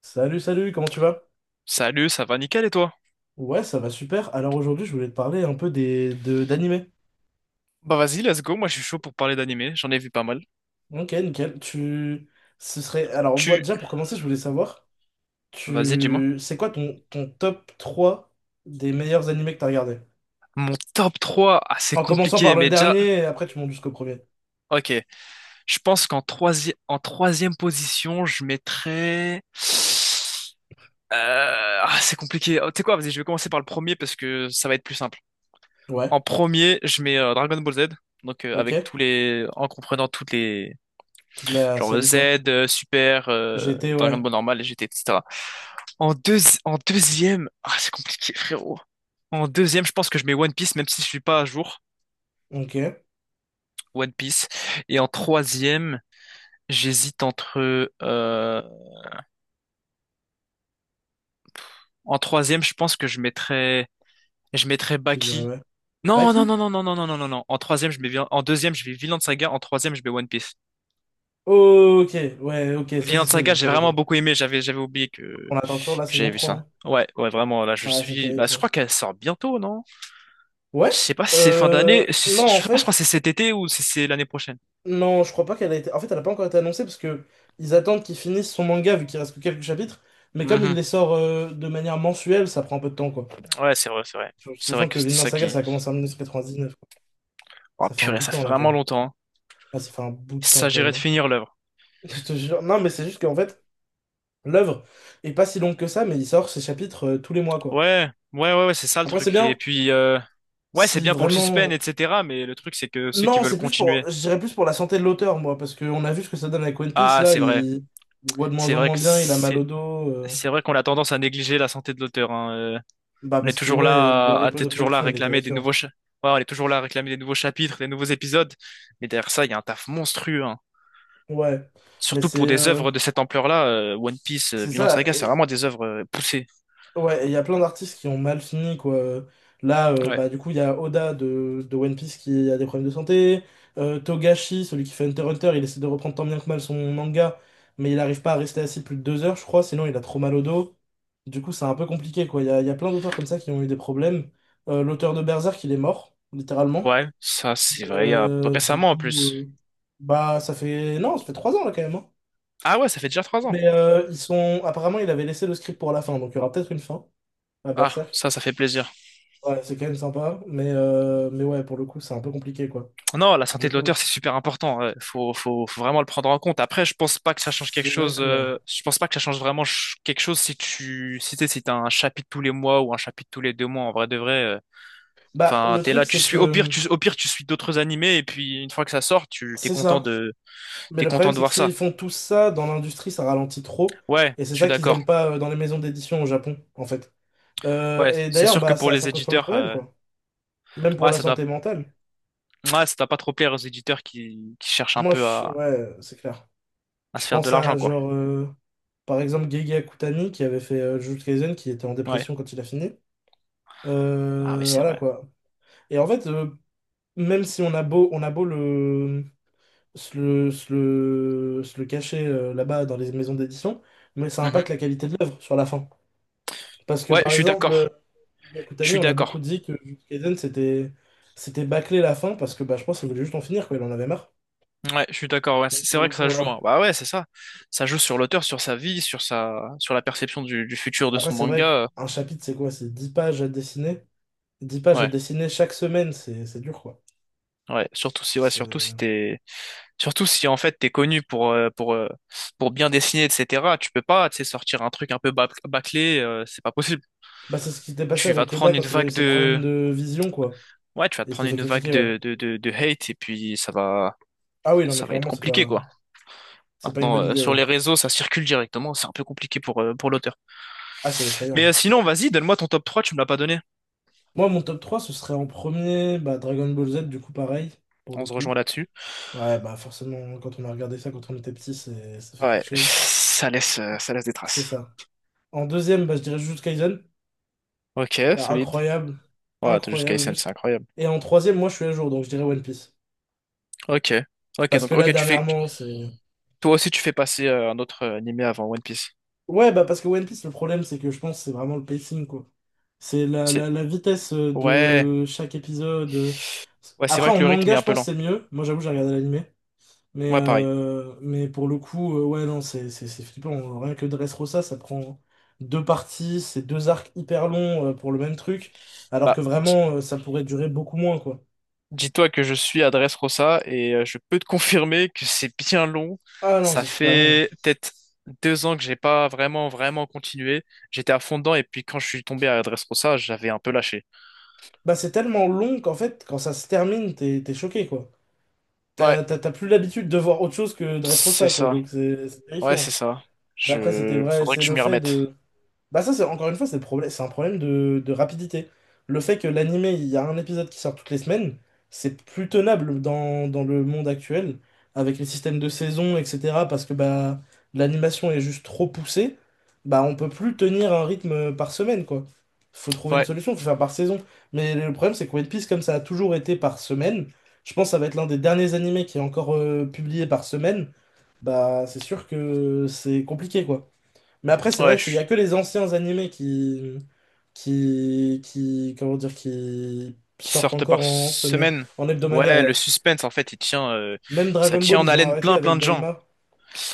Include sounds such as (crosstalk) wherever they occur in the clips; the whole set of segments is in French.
Salut, salut, comment tu vas? Salut, ça va nickel et toi? Ouais, ça va super. Alors aujourd'hui, je voulais te parler un peu des de d'animés. Bah vas-y, let's go, moi je suis chaud pour parler d'animé, j'en ai vu pas mal. Ok, nickel. Tu ce serait alors moi Tu... déjà pour commencer, je voulais savoir Vas-y, dis-moi. tu c'est quoi ton top 3 des meilleurs animés que t'as regardé? Mon top 3, ah, c'est En commençant par compliqué, le mais déjà... dernier et après tu montes jusqu'au premier. Ok, je pense qu'en troisième position, je mettrais... Ah, c'est compliqué. Oh, tu sais quoi, vas-y, je vais commencer par le premier parce que ça va être plus simple. Ouais, En premier, je mets Dragon Ball Z, donc avec ok. tous les... en comprenant toutes les... Toute la genre série quoi. Z, Super, J'étais ouais. Dragon Ball normal, GT, etc. En deux, en deuxième, ah, c'est compliqué, frérot. En deuxième, je pense que je mets One Piece, même si je suis pas à jour. Ok, One Piece. Et en troisième, j'hésite entre. En troisième, je pense que je mettrais tu dirais Baki. ouais. Non, non, Baki? non, non, non, non, non, non, non. Non. En deuxième, je mets Vinland Saga. En troisième, je mets One Piece. Ok, ouais, ok, ça c'est Vinland Saga, solide j'ai pour le vraiment coup. beaucoup aimé. J'avais oublié que On attend toujours la saison j'avais vu trois, ça. hein. Ouais, ouais, vraiment. Là, je Ouais, c'est suis. terrible Bah, je ça. crois qu'elle sort bientôt, non? Je Ouais. sais pas si c'est fin d'année, je sais Non, en pas, je crois que fait, c'est cet été ou si c'est l'année prochaine. non, je crois pas qu'elle a été. En fait, elle a pas encore été annoncée parce que ils attendent qu'il finisse son manga vu qu'il reste que quelques chapitres. Mais comme il Mhm. les sort de manière mensuelle, ça prend un peu de temps, quoi. Ouais, c'est vrai, c'est vrai. C'est vrai Sachant que que c'était Vinland ça Saga, qui... ça a commencé en 1999, quoi. Oh Ça fait un purée, bout de ça temps, fait là, quand vraiment même. longtemps, hein. Ah, ça fait un bout Il de temps, quand s'agirait même, de hein. finir l'œuvre. (laughs) Je te jure. Non, mais c'est juste qu'en fait, l'œuvre est pas si longue que ça, mais il sort ses chapitres tous les mois, quoi. Ouais, ouais, ouais, ouais, c'est ça le Après, c'est truc. Et bien puis, ouais, c'est si bien pour le suspense, vraiment. etc. Mais le truc, c'est que ceux qui Non, veulent c'est plus pour, continuer. je dirais plus pour la santé de l'auteur, moi, parce qu'on a vu ce que ça donne avec One Piece, Ah, là, c'est vrai. il voit de moins C'est en vrai moins que bien, il a mal au c'est... dos, C'est vrai qu'on a tendance à négliger la santé de l'auteur, hein. Bah On est parce que, toujours ouais, le là rythme t'es de toujours là à production, il est réclamer des terrifiant. nouveaux ouais, on est toujours là à réclamer des nouveaux chapitres, des nouveaux épisodes. Mais derrière ça, il y a un taf monstrueux, hein. Ouais, mais Surtout pour c'est des euh, œuvres de cette ampleur-là, One Piece, c'est Vinland ça. Saga, c'est vraiment des œuvres poussées. Ouais, et il y a plein d'artistes qui ont mal fini, quoi. Là, Ouais. bah, du coup, il y a Oda de One Piece qui a des problèmes de santé. Togashi, celui qui fait Hunter x Hunter, il essaie de reprendre tant bien que mal son manga, mais il n'arrive pas à rester assis plus de 2 heures, je crois, sinon il a trop mal au dos. Du coup, c'est un peu compliqué, quoi. Il y a plein d'auteurs comme ça qui ont eu des problèmes. L'auteur de Berserk, il est mort, littéralement. Ouais, ça c'est vrai, il y a Du récemment en coup, plus. Bah, Non, ça fait 3 ans, là, quand même, hein. Ah ouais, ça fait déjà 3 ans. Mais apparemment, il avait laissé le script pour la fin, donc il y aura peut-être une fin à Ah, Berserk. Ça fait plaisir. Ouais, c'est quand même sympa, mais ouais, pour le coup, c'est un peu compliqué, quoi. Non, la santé Du de coup, l'auteur, c'est super important, ouais. Faut vraiment le prendre en compte. Après, je pense pas que ça change quelque c'est vrai chose. que... ouais. Je pense pas que ça change quelque chose si tu, si t'es, si t'as un chapitre tous les mois ou un chapitre tous les 2 mois. En vrai de vrai, Bah, enfin, le t'es truc, là, tu c'est suis. Au pire, que au pire, tu suis d'autres animés et puis une fois que ça sort, c'est ça. Mais t'es le content problème, de c'est que voir ça. s'ils font tout ça dans l'industrie, ça ralentit trop. Ouais, Et c'est je suis ça qu'ils d'accord. aiment pas, dans les maisons d'édition au Japon, en fait. Ouais, Et c'est d'ailleurs, sûr que bah, pour ça les cause plein de éditeurs, problèmes, quoi. Même pour ouais, la santé mentale. Ça doit pas trop plaire aux éditeurs qui cherchent un Moi, peu je... ouais, c'est clair. à Je se faire de pense l'argent, à, quoi. genre, par exemple, Gege Akutami, qui avait fait Jujutsu Kaisen, qui était en Ouais. dépression quand il a fini. Ah ouais, c'est Voilà, vrai. quoi. Et en fait, même si on a beau, se le cacher là-bas dans les maisons d'édition, mais ça impacte Mhm. la qualité de l'œuvre sur la fin. Parce que Ouais, je par suis exemple, d'accord. Je Yukutami, suis on a beaucoup d'accord. dit que Jujutsu Kaisen c'était bâclé la fin parce que bah, je pense qu'il voulait juste en finir, quoi, il en avait marre. Ouais, je suis d'accord. Ouais, Donc, c'est pour vrai le que coup, ça joue, hein. voilà. Bah ouais, c'est ça. Ça joue sur l'auteur, sur sa vie, sur la perception du futur de Après, son c'est vrai manga. Qu'un chapitre, c'est quoi? C'est 10 pages à dessiner. 10 pages à Ouais, dessiner chaque semaine, c'est dur, quoi. ouais. Surtout si, ouais, C'est surtout si en fait t'es connu pour, pour bien dessiner, etc. Tu peux pas, tu sais, sortir un truc un peu bâclé. C'est pas possible. bah, c'est ce qui s'était passé Tu vas avec te Oda prendre une quand il a eu vague ses problèmes de de vision, quoi. Ouais, tu vas te Et il s'était prendre fait une vague critiquer, ouais. De hate et puis Ah oui, non, mais ça va être clairement, c'est compliqué, pas. quoi. C'est pas une Maintenant, bonne idée, sur ouais. les réseaux, ça circule directement, c'est un peu compliqué pour l'auteur. Ah, c'est Mais effrayant. Sinon, vas-y, donne-moi ton top 3, tu me l'as pas donné. Moi, mon top 3 ce serait en premier bah, Dragon Ball Z, du coup, pareil, pour le On se coup. rejoint là-dessus. Ouais, bah forcément, quand on a regardé ça quand on était petit, ça fait Ouais, quelque chose. Ça laisse des C'est traces. ça. En deuxième, bah, je dirais Jujutsu Kaisen. Ok, solide. Incroyable. Ouais, t'es jusqu'à Incroyable, SN, c'est juste. incroyable. Et en troisième, moi, je suis à jour, donc je dirais One Piece. Ok. Ok, Parce que donc, là, ok, dernièrement, c'est. toi aussi, tu fais passer un autre animé avant One Piece. Ouais, bah parce que One Piece, le problème, c'est que je pense que c'est vraiment le pacing, quoi. C'est la, la, C'est, la vitesse ouais, de chaque épisode. Ouais, c'est Après, vrai en que le rythme manga, est je un peu pense que lent. c'est mieux. Moi, j'avoue, j'ai regardé l'animé. Mais, Ouais, pareil. euh, mais pour le coup, ouais, non, c'est flippant. Rien que Dressrosa, ça prend deux parties, c'est deux arcs hyper longs pour le même truc. Alors Bah, que vraiment, ça pourrait durer beaucoup moins, quoi. dis-toi que je suis à Dressrosa et je peux te (laughs) confirmer que c'est bien long. Ah non, Ça c'est super long. fait peut-être 2 ans que j'ai pas vraiment, vraiment continué. J'étais à fond dedans et puis quand je suis tombé à Dressrosa, j'avais un peu lâché. Bah, c'est tellement long qu'en fait, quand ça se termine, t'es choqué, quoi. Ouais, T'as plus l'habitude de voir autre chose que c'est Dressrosa, quoi, ça. donc c'est Ouais, c'est terrifiant. ça. Mais après, c'était Je... vrai, Faudrait que c'est je le m'y fait remette. de, bah ça, c'est encore une fois, c'est le problème, c'est un problème de rapidité. Le fait que l'anime, il y a un épisode qui sort toutes les semaines, c'est plus tenable dans le monde actuel, avec les systèmes de saison, etc. Parce que bah l'animation est juste trop poussée, bah on peut plus tenir un rythme par semaine, quoi. Faut trouver une Ouais, solution, faut faire par saison. Mais le problème, c'est que One Piece, comme ça a toujours été par semaine, je pense que ça va être l'un des derniers animés qui est encore publié par semaine, bah c'est sûr que c'est compliqué, quoi. Mais après, c'est vrai ouais, que il y a je... que les anciens animés comment dire, qui qui sortent sortent encore par en semaine, semaine. en hebdomadaire, Ouais, le ouais. suspense, en fait, Même ça Dragon Ball, tient en ils ont haleine arrêté plein, plein avec de gens. Daima.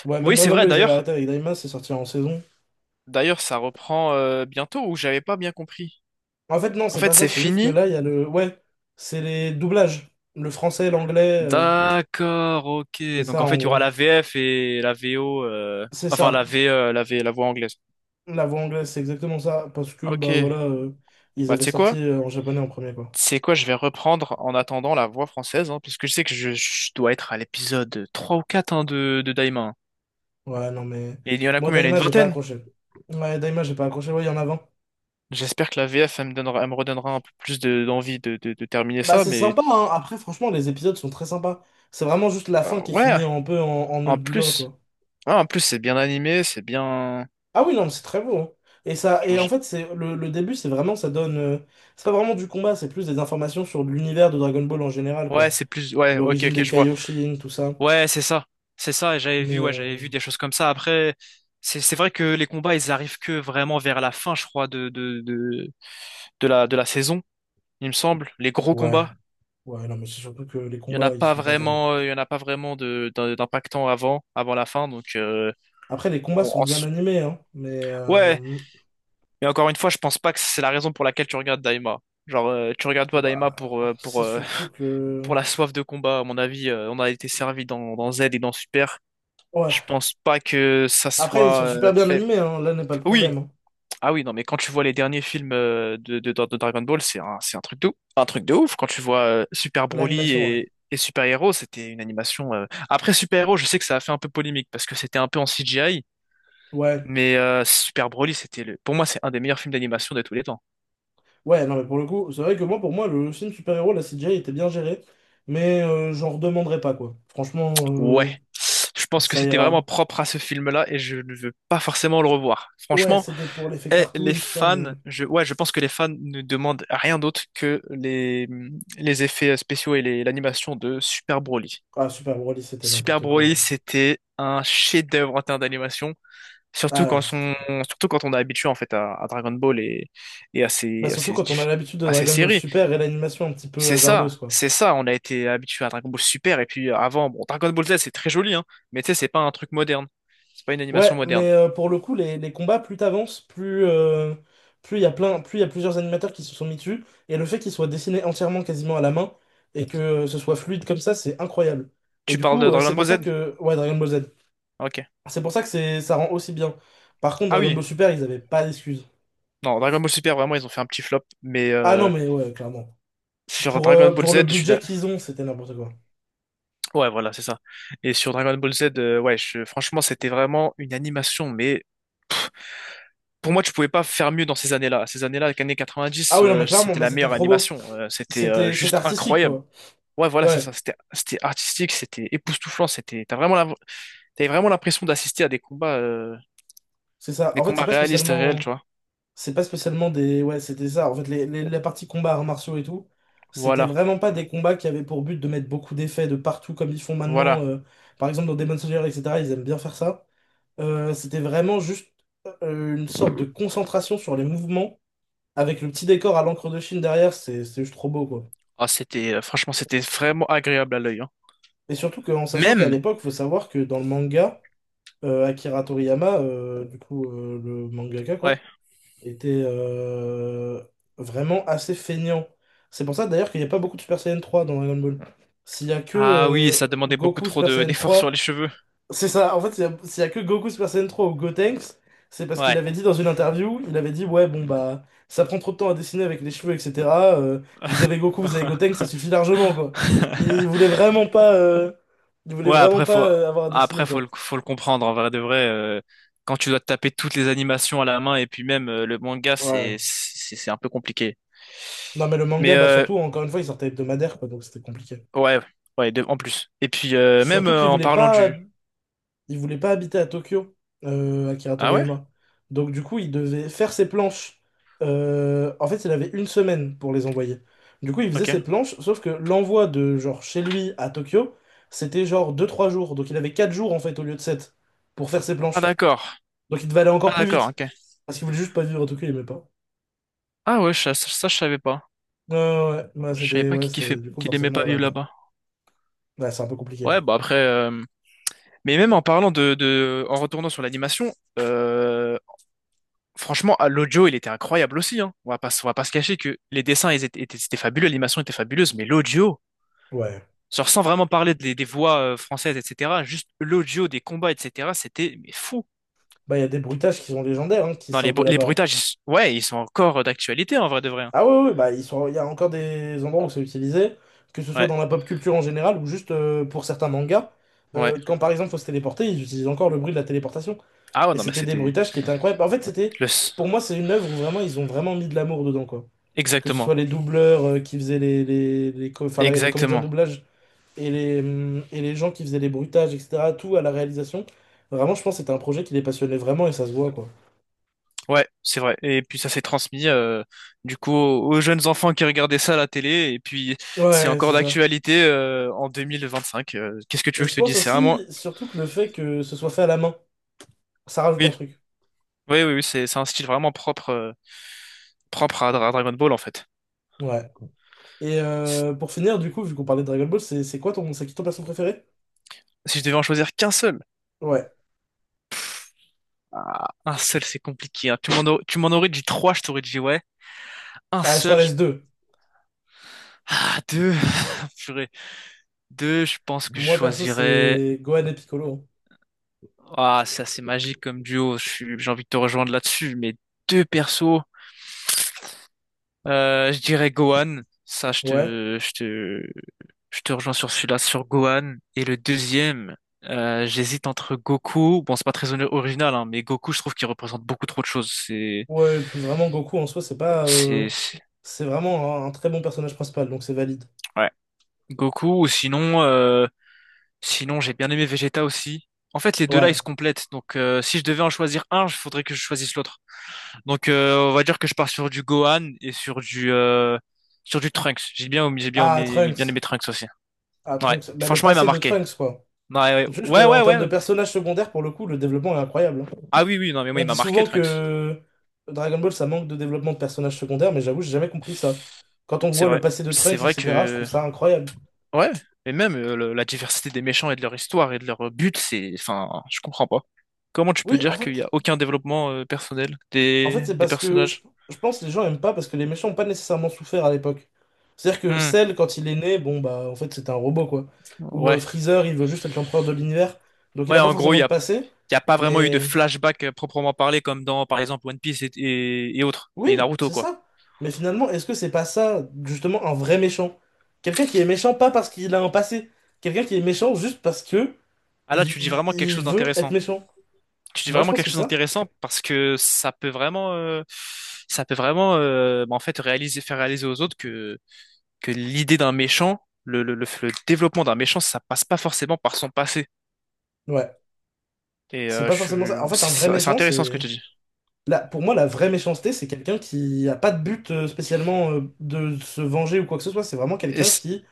Ouais, même Oui, c'est Dragon vrai. Ball, ils avaient arrêté avec Daima, c'est sorti en saison. D'ailleurs, ça reprend bientôt ou j'avais pas bien compris. En fait, non, En c'est fait, pas ça, c'est c'est juste que fini. là, il y a le, ouais, c'est les doublages, le français l'anglais, D'accord, ok. c'est Donc ça en fait, en il y aura gros. la VF et la VO, C'est enfin ça, la voix anglaise. la voix anglaise, c'est exactement ça, parce que bah Ok. voilà, ils Bah tu avaient sais sorti quoi? En japonais en premier, quoi. Tu sais quoi? Je vais reprendre en attendant la voix française, hein, parce que je sais que je dois être à l'épisode 3 ou 4, hein, de Daima, hein. Ouais, non, mais. Et il y en a Moi, combien? Il y en a une Daima, j'ai pas vingtaine. accroché. Ouais, Daima, j'ai pas accroché. Ouais, il y en a 20. J'espère que la VF, elle me redonnera un peu plus d'envie de terminer Bah, ça, c'est mais sympa, hein. Après, franchement, les épisodes sont très sympas. C'est vraiment juste la fin qui est ouais. finie un peu en nœud En de boudin, plus, quoi. ouais, en plus c'est bien animé, c'est bien. Ah oui, non, mais c'est très beau, hein. Et ça, et genre, en je- fait, c'est le début, c'est vraiment, ça donne. C'est pas vraiment du combat, c'est plus des informations sur l'univers de Dragon Ball en général, Ouais, quoi. c'est plus. Ouais, ok, L'origine ok, des je vois. Kaioshin, tout ça. Ouais, c'est ça. C'est ça, et Mais, ouais, j'avais vu euh, des choses comme ça. Après, c'est vrai que les combats, ils arrivent que vraiment vers la fin, je crois, de la saison, il me semble. Les gros ouais, combats, ouais, non, mais c'est surtout que les combats, ils sont pas terribles. Il y en a pas vraiment d'impactant avant la fin. Donc, Après, les combats bon, sont bien animés, hein. Ouais, mais encore une fois, je pense pas que c'est la raison pour laquelle tu regardes Daima. Genre, tu regardes pas Daima Bah, c'est surtout (laughs) que... pour la soif de combat. À mon avis, on a été servi dans Z et dans Super. Je Ouais. pense pas que ça Après, ils sont soit super bien fait. animés, hein. Là n'est pas le Oui, problème, hein. ah oui, non, mais quand tu vois les derniers films de Dragon Ball, c'est un truc un truc de ouf. Quand tu vois Super Broly L'animation, ouais. Et Super Hero, c'était une animation. Après Super Hero, je sais que ça a fait un peu polémique parce que c'était un peu en CGI, Ouais. mais Super Broly, c'était le... pour moi, c'est un des meilleurs films d'animation de tous les temps. Ouais, non, mais pour le coup, c'est vrai que moi, pour moi, le film super-héros, la CGI était bien gérée. Mais j'en redemanderai pas, quoi. Franchement, Ouais, je pense que ça c'était vraiment ira. propre à ce film-là et je ne veux pas forcément le revoir. Ouais, Franchement, c'était pour l'effet les cartoon, tout ça, mais... fans, ouais, je pense que les fans ne demandent rien d'autre que les effets spéciaux et l'animation de Super Broly. Ah, Super Broly, c'était Super n'importe quoi, Broly, hein. c'était un chef-d'œuvre en termes d'animation, surtout quand Ah, son, c'était... surtout quand on est habitué en fait à Dragon Ball et Bah, surtout quand on a l'habitude de à ses Dragon Ball séries. Super et l'animation un petit peu C'est hasardeuse, ça, quoi. c'est ça. On a été habitué à Dragon Ball Super et puis avant, bon, Dragon Ball Z, c'est très joli, hein, mais tu sais, c'est pas un truc moderne, c'est pas une animation Ouais, moderne. mais pour le coup, les combats, plus t'avances, plus plus il y a plein, plus il y a plusieurs animateurs qui se sont mis dessus. Et le fait qu'ils soient dessinés entièrement quasiment à la main et que ce soit fluide comme ça, c'est incroyable. Et Tu du parles coup, de Dragon c'est pour Ball ça Z? que. Ouais, Dragon Ball Z. Ok. C'est pour ça que c'est ça rend aussi bien. Par contre, Ah Dragon oui. Ball Super, ils avaient pas d'excuses. Non, Dragon Ball Super, vraiment, ils ont fait un petit flop, mais Ah non, mais ouais, clairement. sur Pour, Dragon euh, Ball pour le Z, budget qu'ils ont, c'était n'importe quoi. ouais, voilà, c'est ça. Et sur Dragon Ball Z, ouais, franchement, c'était vraiment une animation, mais pour moi, tu pouvais pas faire mieux dans ces années-là. Ces années-là, les années Ah 90, oui, non, mais clairement, c'était mais la c'était meilleure trop beau. animation. C'était C'était juste artistique, incroyable. quoi. Ouais, voilà, c'est Ouais, ça. C'était artistique, c'était époustouflant. C'était, t'as vraiment, la- t'avais vraiment l'impression d'assister à c'est ça. des En fait, c'est combats pas réalistes, et réels, tu spécialement. vois. C'est pas spécialement des. Ouais, c'était ça. En fait, la partie combat, arts martiaux et tout, c'était Voilà, vraiment pas des combats qui avaient pour but de mettre beaucoup d'effets de partout comme ils font maintenant. voilà. Par exemple, dans Demon Slayer, etc., ils aiment bien faire ça. C'était vraiment juste une sorte de concentration sur les mouvements avec le petit décor à l'encre de Chine derrière. C'est juste trop beau, quoi. Ah, franchement, c'était vraiment agréable à l'œil, hein. Et surtout qu'en sachant qu'à Même, l'époque, faut savoir que dans le manga, Akira Toriyama, du coup, le mangaka, ouais. quoi, était vraiment assez feignant. C'est pour ça d'ailleurs qu'il n'y a pas beaucoup de Super Saiyan 3 dans Dragon Ball. S'il y a que Ah oui, ça demandait beaucoup Goku trop Super Saiyan d'efforts sur les 3, cheveux. c'est ça, en fait, s'il y a que Goku Super Saiyan 3 ou Gotenks, c'est parce qu'il Ouais. avait dit dans une interview, il avait dit, ouais, bon, bah, ça prend trop de temps à dessiner avec les cheveux, etc. euh, Vous avez Goku, vous avez Gotenks, ça suffit largement, quoi. Il (laughs) voulait vraiment pas, il voulait Ouais, vraiment pas avoir à dessiner, après quoi. faut le comprendre en vrai de vrai, quand tu dois te taper toutes les animations à la main et puis même le manga Ouais. C'est un peu compliqué. Non, mais le Mais manga, bah, surtout, encore une fois, il sortait hebdomadaire, quoi, donc c'était compliqué. ouais, ouais, en plus. Et puis même Surtout qu'il en voulait parlant pas, du. il voulait pas habiter à Tokyo, Akira Ah ouais? Toriyama. Donc du coup, il devait faire ses planches. En fait, il avait 1 semaine pour les envoyer. Du coup, il faisait OK. ses planches, sauf que l'envoi de genre chez lui à Tokyo, c'était genre 2 3 jours. Donc il avait 4 jours en fait au lieu de 7 pour faire ses Ah planches. d'accord. Donc il devait aller Ah encore plus d'accord, vite. OK. Parce qu'il voulait juste pas vivre à Tokyo, il aimait pas. Ah ouais, ça, je savais pas. Ouais, ouais, ouais. Je savais pas Ouais, c'était, du coup, qu'il aimait forcément, pas voilà vivre quoi. là-bas. Ouais, c'est un peu compliqué. Ouais, bah après mais même en parlant de en retournant sur l'animation, euh, franchement, ah, l'audio, il était incroyable aussi, hein. On va pas se cacher que les dessins, c'était fabuleux, l'animation était fabuleuse, mais l'audio, Ouais. genre sans vraiment parler des voix françaises, etc., juste l'audio des combats, etc., c'était mais fou. Bah, il y a des bruitages qui sont légendaires, hein, qui Non, sortent de les là-bas, hein. bruitages, ouais, ils sont encore d'actualité, en vrai de vrai, hein. Ah oui, oui, bah, ils sont... il y a encore des endroits où c'est utilisé, que ce soit Ouais, dans la pop culture en général ou juste pour certains mangas. ouais. Quand par exemple faut se téléporter, ils utilisent encore le bruit de la téléportation. Ah ouais, Et non, mais c'était des c'était bruitages qui étaient incroyables. En fait, le... s- pour moi, c'est une œuvre où vraiment ils ont vraiment mis de l'amour dedans, quoi. Que ce soit exactement, les doubleurs qui faisaient enfin, les comédiens de exactement. doublage et et les gens qui faisaient les bruitages, etc., tout à la réalisation. Vraiment, je pense que c'était un projet qui les passionnait vraiment et ça se voit, quoi. Ouais, c'est vrai. Et puis ça s'est transmis, du coup, aux jeunes enfants qui regardaient ça à la télé, et puis c'est Ouais, encore c'est ça. d'actualité en 2025. Qu'est-ce que tu Et veux que je je te pense dise? C'est aussi, vraiment surtout que le fait que ce soit fait à la main. Ça rajoute un oui, truc. oui, oui, oui, c'est un style vraiment propre, propre à Dragon Ball en fait. Ouais. Et Si pour finir, du coup, vu qu'on parlait de Dragon Ball, c'est quoi ton, c'est qui ton perso préféré? si je devais en choisir qu'un seul, Ouais. un seul c'est compliqué, hein. Tu m'en aurais dit trois, je t'aurais dit ouais. Un Ah, je t'en seul, laisse deux. ah deux, (laughs) purée. Deux, je pense que Mhm. je Moi, perso, choisirais. c'est Gohan et Piccolo, Ah, c'est assez magique comme duo. J'ai envie de te rejoindre là-dessus, mais deux persos. Je dirais Gohan. Ça, hein. Ouais. Je te rejoins sur celui-là, sur Gohan. Et le deuxième, j'hésite entre Goku. Bon, c'est pas très original, hein, mais Goku, je trouve qu'il représente beaucoup trop de choses. Ouais, et puis vraiment, Goku en soi, c'est pas, c'est, c'est- c'est vraiment un très bon personnage principal, donc c'est valide. ouais. Goku, ou sinon, sinon, j'ai bien aimé Vegeta aussi. En fait, les deux-là, ils Ouais. se complètent. Donc, si je devais en choisir un, il faudrait que je choisisse l'autre. Donc, on va dire que je pars sur du Gohan et sur du Trunks. Ah, Bien Trunks. aimé Trunks aussi. Ah, Ouais, Trunks. Bah, le franchement, il m'a passé de marqué. Trunks, quoi. Non, ouais, Juste ouais, ouais, en ouais, termes de ouais. personnage secondaire, pour le coup, le développement est incroyable, hein. Ah oui, oui, non, mais moi, On il dit m'a marqué, souvent Trunks. que Dragon Ball, ça manque de développement de personnages secondaires, mais j'avoue, j'ai jamais compris ça. Quand on C'est voit le vrai. passé de C'est Trunks, vrai etc., je trouve que. ça incroyable. Ouais. Et même la diversité des méchants et de leur histoire et de leur but, c'est. Enfin, je comprends pas. Comment tu peux Oui, en dire qu'il n'y a fait, aucun développement personnel c'est des parce que personnages? je pense que les gens aiment pas parce que les méchants n'ont pas nécessairement souffert à l'époque. C'est-à-dire que Hmm, Cell, quand il est né, bon, bah, en fait, c'était un robot, quoi. Ou ouais. Freezer, il veut juste être l'empereur de l'univers, donc il Ouais, n'a pas en gros, forcément de passé, il y a pas vraiment eu de mais flashback proprement parlé, comme dans, par exemple, One Piece et autres. Et oui, Naruto, c'est quoi. ça. Mais finalement, est-ce que c'est pas ça, justement, un vrai méchant? Quelqu'un qui est méchant pas parce qu'il a un passé, quelqu'un qui est méchant juste parce que Ah il, là, tu dis vraiment quelque il chose veut être d'intéressant. méchant. Tu dis Moi, je vraiment pense quelque que chose ça. d'intéressant parce que ça peut vraiment, bah, en fait, faire réaliser aux autres que l'idée d'un méchant, le développement d'un méchant, ça passe pas forcément par son passé. Ouais. Et C'est pas forcément ça. En fait, un vrai c'est méchant, intéressant ce que c'est. tu dis. Là, pour moi, la vraie méchanceté, c'est quelqu'un qui a pas de but spécialement de se venger ou quoi que ce soit. C'est vraiment Et c'est-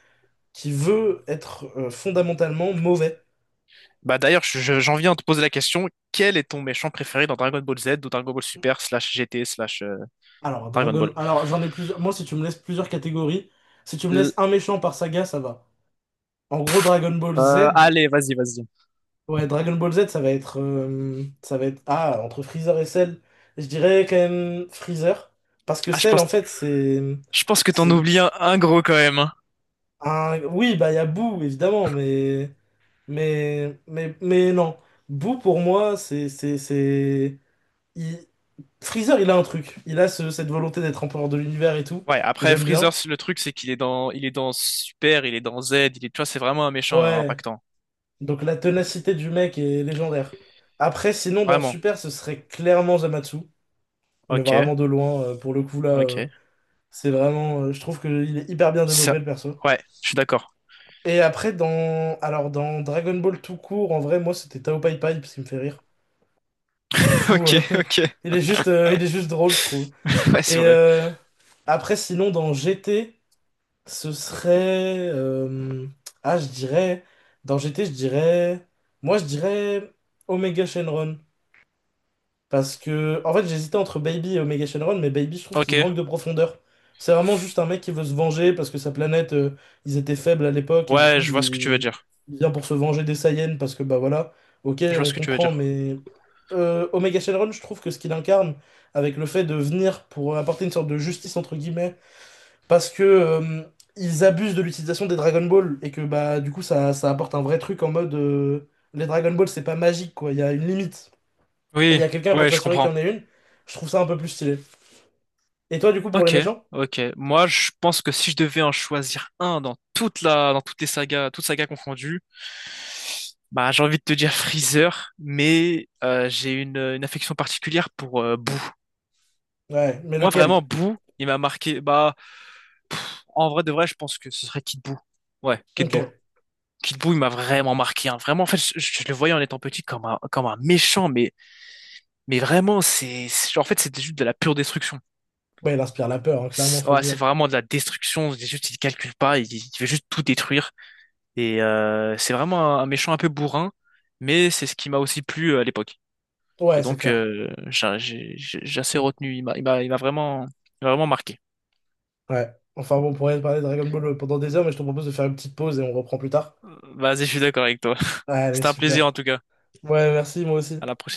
qui veut être fondamentalement mauvais. Bah d'ailleurs, j'en viens à te poser la question, quel est ton méchant préféré dans Dragon Ball Z ou Dragon Ball Super slash GT slash Alors, Dragon Ball? Dragon. Alors, j'en ai plusieurs. Moi, si tu me laisses plusieurs catégories, si tu me L- laisses un méchant par saga, ça va. En gros, Dragon Ball Z, Allez, vas-y, vas-y. ouais, Dragon Ball Z, ça va être, ah, entre Freezer et Cell, je dirais quand même Freezer, parce que Ah, Cell, en fait, je pense que t'en c'est oublies un gros quand même, hein. un, oui, bah, il y a Boo, évidemment, mais non, Boo, pour moi, c'est, il- Freezer, il a un truc, il a cette volonté d'être empereur de l'univers et tout, Ouais, après j'aime Freezer, bien, le truc c'est qu'il est dans il est dans Super, il est dans Z, il est tu vois, c'est vraiment un méchant ouais, impactant. donc la ténacité du mec est légendaire. Après, sinon, dans Vraiment. Super, ce serait clairement Zamatsu, mais OK. vraiment de loin, pour le coup, là... OK. c'est vraiment, je trouve qu'il est hyper bien développé Ça le perso. ouais, je suis d'accord. Et après, alors, dans Dragon Ball tout court, en vrai, moi c'était Tao Pai Pai parce qu'il me fait rire. Du (laughs) coup, OK, OK. (laughs) Il est juste drôle, je trouve. Ouais, c'est Et vrai. Après, sinon, dans GT, ce serait, je dirais. Dans GT, je dirais. Moi, je dirais Omega Shenron. Parce que, en fait, j'hésitais entre Baby et Omega Shenron, mais Baby, je trouve qu'il OK. manque de profondeur. C'est vraiment juste un mec qui veut se venger parce que sa planète, ils étaient faibles à l'époque et du Ouais, coup, je vois ce que tu veux dire. il vient pour se venger des Saiyans parce que, bah voilà, ok, Je vois on ce que tu veux comprend, dire. mais Omega Shenron, je trouve que ce qu'il incarne, avec le fait de venir pour apporter une sorte de justice, entre guillemets, parce que ils abusent de l'utilisation des Dragon Ball et que, bah, du coup, ça apporte un vrai truc en mode les Dragon Ball, c'est pas magique, quoi, il y a une limite et il y Oui, a quelqu'un pour ouais, je s'assurer qu'il comprends. y en ait une, je trouve ça un peu plus stylé. Et toi, du coup, pour les OK. méchants? OK. Moi, je pense que si je devais en choisir un dans toute la dans toutes les sagas, toutes sagas confondues, bah j'ai envie de te dire Freezer, mais j'ai une affection particulière pour Boo. Ouais, mais Moi, lequel? vraiment, Boo, il m'a marqué. Bah, en vrai de vrai, je pense que ce serait Kid Boo. Ouais, Kid Ok. Boo. Ouais, Kid Boo, il m'a vraiment marqué, hein. Vraiment, en fait, je le voyais en étant petit comme un méchant, mais vraiment, en fait, c'était juste de la pure destruction. il inspire la peur, hein, clairement, faut le Ouais, c'est dire. vraiment de la destruction. C'est juste, il calcule pas, il veut juste tout détruire. Et c'est vraiment un méchant un peu bourrin, mais c'est ce qui m'a aussi plu à l'époque. Et Ouais, c'est donc, clair. J'ai assez Hmm. retenu. Il m'a vraiment marqué. Ouais. Enfin bon, on pourrait parler de Dragon Ball pendant des heures, mais je te propose de faire une petite pause et on reprend plus tard. Vas-y, je suis d'accord avec toi. (laughs) Allez, C'était un plaisir en super. tout cas. Ouais, merci, moi À aussi. la prochaine.